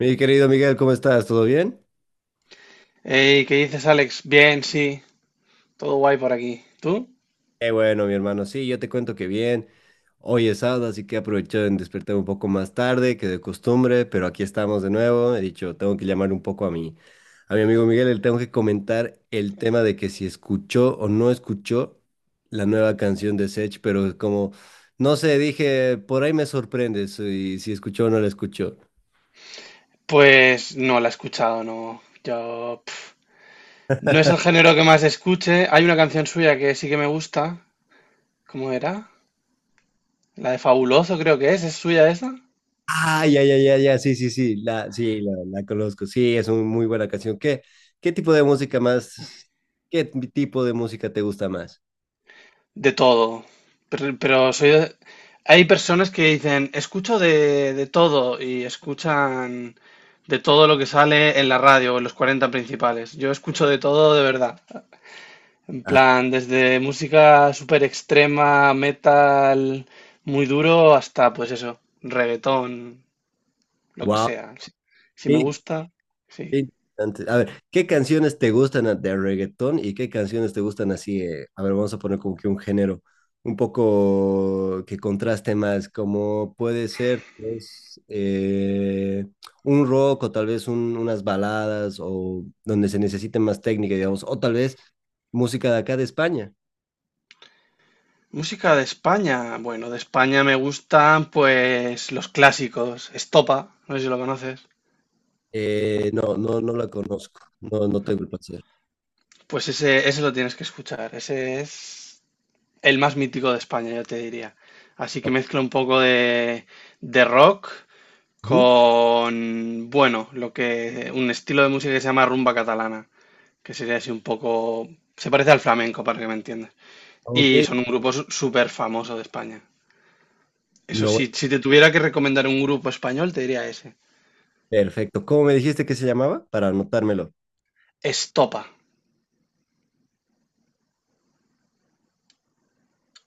Mi querido Miguel, ¿cómo estás? ¿Todo bien? Hey, ¿qué dices, Alex? Bien, sí, todo guay por aquí. ¿Tú? Qué bueno, mi hermano. Sí, yo te cuento que bien. Hoy es sábado, así que he aprovechado en despertar un poco más tarde que de costumbre, pero aquí estamos de nuevo. He dicho, tengo que llamar un poco a mi amigo Miguel. Le tengo que comentar el tema de que si escuchó o no escuchó la nueva canción de Sech, pero como, no sé, dije, por ahí me sorprendes y si escuchó o no la escuchó. Pues no la he escuchado, no. Yo pf, no es el género que más escuche. Hay una canción suya que sí que me gusta. ¿Cómo era? La de Fabuloso creo que es. ¿Es suya esa? Ah, ya, ya, ya, ya, sí, sí, sí, la conozco, sí, es una muy buena canción. Qué tipo de música más, qué tipo de música te gusta más? De todo. Pero soy de- Hay personas que dicen, escucho de todo y escuchan de todo lo que sale en la radio o en los 40 Principales. Yo escucho de todo de verdad. En Ah, plan, desde música súper extrema, metal muy duro, hasta pues eso, reggaetón, lo que wow. sea. Si, si me gusta, sí. Qué interesante. A ver, ¿qué canciones te gustan de reggaetón y qué canciones te gustan así? A ver, vamos a poner como que un género un poco que contraste más, como puede ser pues, un rock o tal vez unas baladas o donde se necesite más técnica, digamos, o tal vez música de acá de España. Música de España. Bueno, de España me gustan pues los clásicos. Estopa, no sé si lo conoces. No, no la conozco, no, no tengo el placer. Pues ese lo tienes que escuchar. Ese es el más mítico de España, yo te diría. Así que mezcla un poco de rock Ujú. con, bueno, lo que, un estilo de música que se llama rumba catalana, que sería así un poco, se parece al flamenco, para que me entiendas. Ok, Y son un grupo súper famoso de España. Eso lo- sí, si te tuviera que recomendar un grupo español, te diría ese. perfecto. ¿Cómo me dijiste que se llamaba? Para anotármelo. Estopa,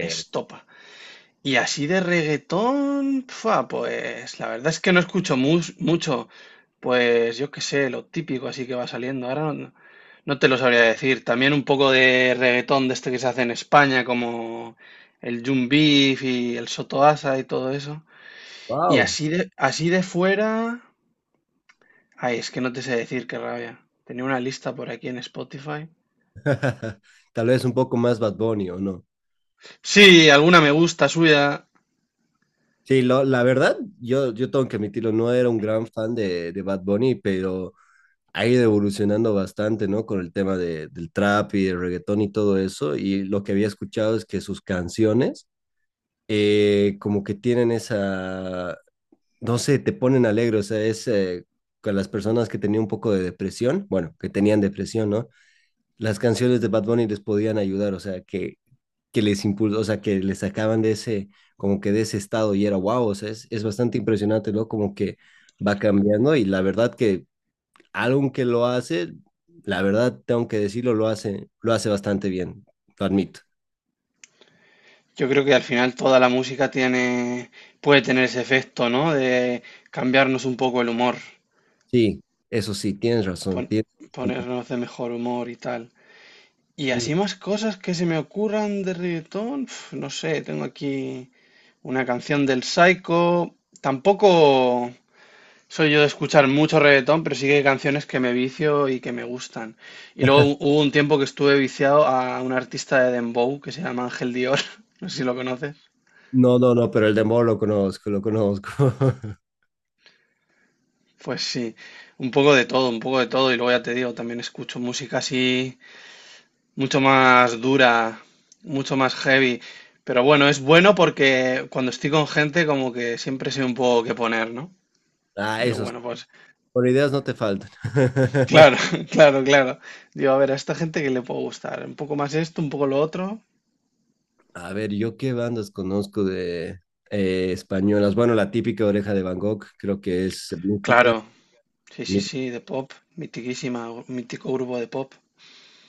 Estopa. Y así de reggaetón, fua, pues la verdad es que no escucho mucho, pues yo qué sé, lo típico así que va saliendo. Ahora no, no te lo sabría decir. También un poco de reggaetón de este que se hace en España, como el Jun Beef y el Sotoasa y todo eso. Y Wow. Así de fuera, ay, es que no te sé decir qué rabia. Tenía una lista por aquí en Spotify. Tal vez un poco más Bad Bunny o no. Sí, alguna me gusta suya. Sí, la verdad, yo tengo que admitirlo, no era un gran fan de Bad Bunny, pero ha ido evolucionando bastante, ¿no? Con el tema del trap y el reggaetón y todo eso. Y lo que había escuchado es que sus canciones como que tienen esa, no sé, te ponen alegre, o sea, es con las personas que tenían un poco de depresión, bueno, que tenían depresión, ¿no? Las canciones de Bad Bunny les podían ayudar, o sea, que les impulsó, o sea, que les sacaban de ese, como que de ese estado y era wow, o sea, es bastante impresionante, ¿no? Como que va cambiando y la verdad que algo que lo hace, la verdad tengo que decirlo, lo hace bastante bien, lo admito. Yo creo que al final toda la música tiene, puede tener ese efecto, ¿no? De cambiarnos un poco el humor, Sí, eso sí, tienes razón, pon- tienes bastante- ponernos de mejor humor y tal. Y sí. así más cosas que se me ocurran de reggaetón, uf, no sé, tengo aquí una canción del Psycho. Tampoco soy yo de escuchar mucho reggaetón, pero sí que hay canciones que me vicio y que me gustan. Y luego hubo un tiempo que estuve viciado a un artista de Dembow que se llama Ángel Dior, no sé si lo conoces. No, no, no, pero el dembow lo conozco, lo conozco. Pues sí, un poco de todo, un poco de todo. Y luego ya te digo, también escucho música así, mucho más dura, mucho más heavy. Pero bueno, es bueno porque cuando estoy con gente, como que siempre sé un poco qué poner, ¿no? Ah, Digo, esos, bueno, pues por ideas no te faltan. claro, claro, claro. Digo, a ver, a esta gente que le puedo gustar. Un poco más esto, un poco lo otro. A ver, ¿yo qué bandas conozco de españolas? Bueno, la típica Oreja de Van Gogh, creo que es música. Claro, sí, sí, Mi- sí, de pop. Mitiquísima, mítico grupo de pop.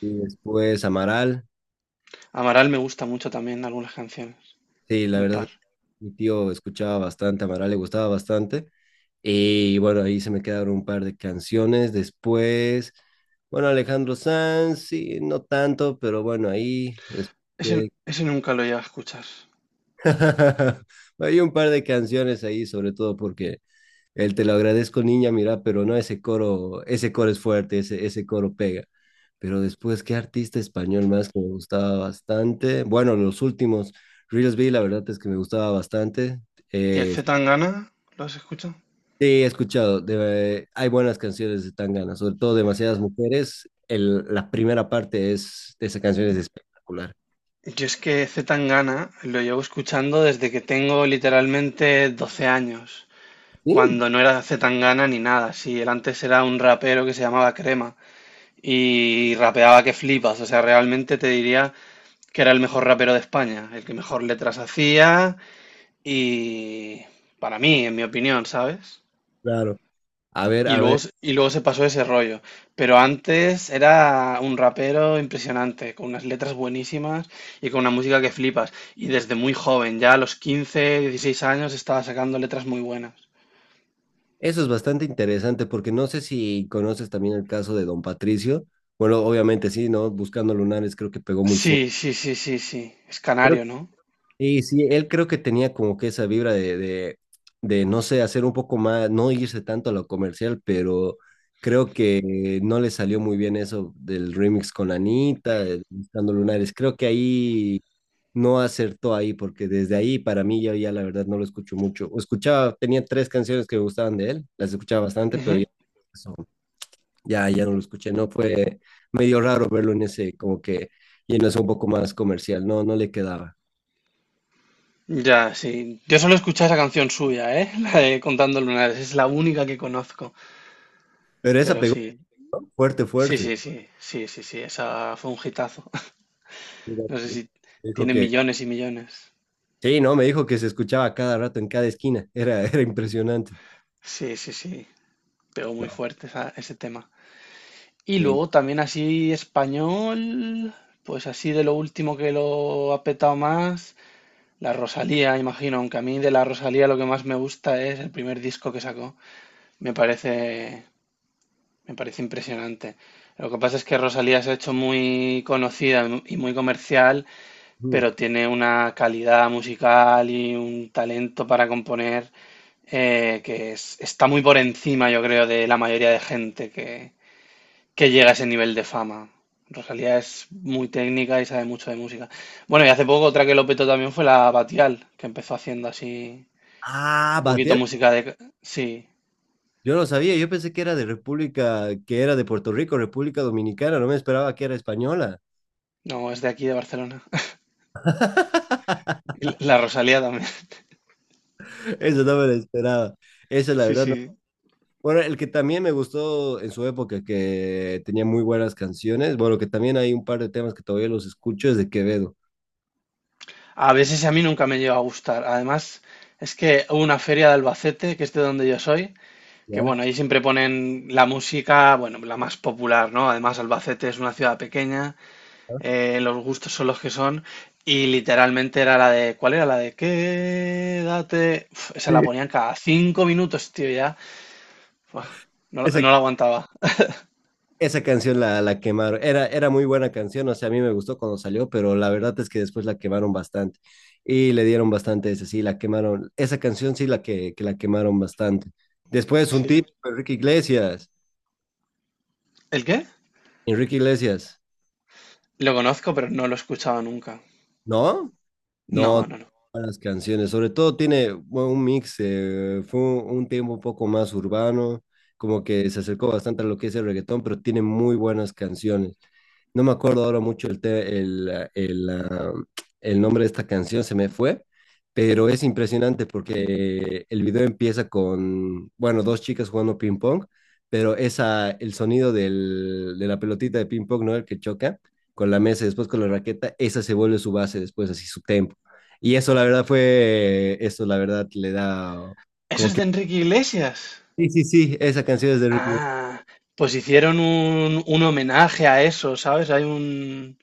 y después Amaral. Amaral me gusta mucho también algunas canciones, Sí, la un verdad, es par. que mi tío escuchaba bastante, Amaral le gustaba bastante. Y bueno, ahí se me quedaron un par de canciones. Después, bueno, Alejandro Sanz, sí, no tanto, pero bueno, ahí. Ese, Después- ese nunca lo he llegado a escuchar. Hay un par de canciones ahí, sobre todo porque el te lo agradezco, niña, mira, pero no, ese coro es fuerte, ese coro pega. Pero después, ¿qué artista español más que me gustaba bastante? Bueno, los últimos, Reels B, la verdad es que me gustaba bastante. ¿Y el C. Sí, Tangana? ¿Lo has escuchado? he escuchado, hay buenas canciones de Tangana, sobre todo Demasiadas Mujeres. La primera parte es, de esa canción es espectacular. Yo es que C. Tangana lo llevo escuchando desde que tengo literalmente 12 años, Sí, cuando no era C. Tangana ni nada. Sí, él antes era un rapero que se llamaba Crema y rapeaba que flipas. O sea, realmente te diría que era el mejor rapero de España, el que mejor letras hacía y para mí, en mi opinión, ¿sabes? claro. A ver, a ver. Y luego se pasó ese rollo. Pero antes era un rapero impresionante, con unas letras buenísimas y con una música que flipas. Y desde muy joven, ya a los 15 16 años, estaba sacando letras muy buenas. Eso es bastante interesante porque no sé si conoces también el caso de Don Patricio. Bueno, obviamente sí, ¿no? Buscando lunares creo que pegó muy Sí, fuerte. sí, sí, sí, sí. Es canario, ¿no? Y sí, él creo que tenía como que esa vibra de, no sé, hacer un poco más, no irse tanto a lo comercial, pero creo que no le salió muy bien eso del remix con Anita, el Buscando lunares. Creo que ahí no acertó ahí porque desde ahí para mí yo ya la verdad no lo escucho mucho. O escuchaba, tenía tres canciones que me gustaban de él, las escuchaba bastante, pero ya... Ujú. Ya, ya no lo escuché, no fue medio raro verlo en ese, como que, y en eso un poco más comercial, no, no le quedaba. Ya, sí. Yo solo escuché esa canción suya, ¿eh? La de Contando Lunares. Es la única que conozco. Pero esa Pero pegó sí. fuerte, Sí, fuerte. sí, sí. Sí, sí, sí. Esa fue un hitazo. Mira, No sé me si dijo tiene que, millones y millones. sí, no, me dijo que se escuchaba a cada rato en cada esquina, era, era impresionante. Sí, sí, sí. Pegó muy No, fuerte ese tema. Y sí, no. luego también así español, pues así de lo último que lo ha petado más, la Rosalía, imagino, aunque a mí de la Rosalía lo que más me gusta es el primer disco que sacó. Me parece, me parece impresionante. Lo que pasa es que Rosalía se ha hecho muy conocida y muy comercial, Mm. pero tiene una calidad musical y un talento para componer que es- está muy por encima, yo creo, de la mayoría de gente que llega a ese nivel de fama. Rosalía es muy técnica y sabe mucho de música. Bueno, y hace poco otra que lo petó también fue la Batial, que empezó haciendo así Ah, un poquito batear, música de... Sí, yo no sabía, yo pensé que era de República, que era de Puerto Rico, República Dominicana, no me esperaba que era española. no, es de aquí, de Barcelona. Y La Rosalía también. Eso no me lo esperaba. Esa, la Sí, verdad, sí. bueno, el que también me gustó en su época, que tenía muy buenas canciones, bueno, que también hay un par de temas que todavía los escucho, es de Quevedo. A veces a mí nunca me llegó a gustar. Además, es que hubo una feria de Albacete, que es de donde yo soy, que ¿Ya? bueno, ahí siempre ponen la música, bueno, la más popular, ¿no? Además, Albacete es una ciudad pequeña. Ah, Los gustos son los que son. Y literalmente era la de. ¿Cuál era? La de quédate. Uf, esa la sí. ponían cada 5 minutos, tío, ya. Buah, no, Esa, no la aguantaba. esa canción la quemaron, era, era muy buena canción, o sea, a mí me gustó cuando salió, pero la verdad es que después la quemaron bastante y le dieron bastante ese, sí, la quemaron, esa canción sí que la quemaron bastante. Después un Sí. tipo, Enrique Iglesias, ¿El qué? Enrique Iglesias, Lo conozco, pero no lo he escuchado nunca. ¿no? No, No, no, no. buenas canciones, sobre todo tiene bueno, un mix, fue un tiempo un poco más urbano, como que se acercó bastante a lo que es el reggaetón, pero tiene muy buenas canciones. No me acuerdo ahora mucho el, te- el, ah, el, ah, el nombre de esta canción, se me fue, pero es impresionante porque el video empieza con, bueno, dos chicas jugando ping pong, pero esa, el sonido de la pelotita de ping pong, ¿no? El que choca con la mesa y después con la raqueta, esa se vuelve su base después, así su tempo. Y eso, la verdad, fue, eso, la verdad, le da ¿Eso como es que, de Enrique Iglesias? sí, sí, sí, esa canción es de Ricky Martin. Ah, pues hicieron un homenaje a eso, ¿sabes? Hay un,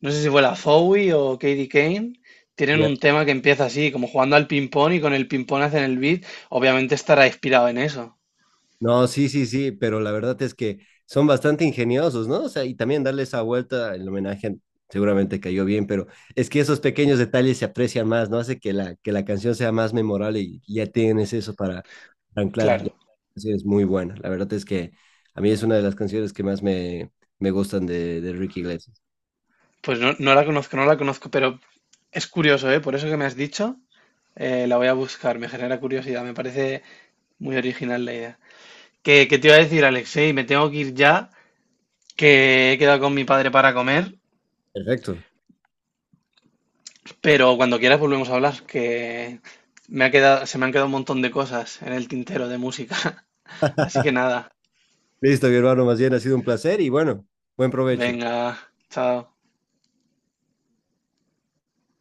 no sé si fue la Fowie o Katie Kane, tienen Ya. un tema que empieza así, como jugando al ping-pong y con el ping-pong hacen el beat, obviamente estará inspirado en eso, No, sí, sí, sí, pero la verdad es que son bastante ingeniosos, ¿no? O sea, y también darle esa vuelta, el homenaje seguramente cayó bien, pero es que esos pequeños detalles se aprecian más, ¿no? Hace que que la canción sea más memorable y ya tienes eso para anclar. Y claro. así es muy buena. La verdad es que a mí es una de las canciones que más me, me gustan de Ricky Iglesias. Pues no, no la conozco, no la conozco, pero es curioso, ¿eh? Por eso que me has dicho, la voy a buscar, me genera curiosidad, me parece muy original la idea. ¿Qué te iba a decir, Alexei? Me tengo que ir ya, que he quedado con mi padre para comer. Perfecto. Pero cuando quieras volvemos a hablar, que me ha quedado, se me han quedado un montón de cosas en el tintero de música. Así que nada, Listo, mi hermano, más bien ha sido un placer y bueno, buen provecho. venga, chao.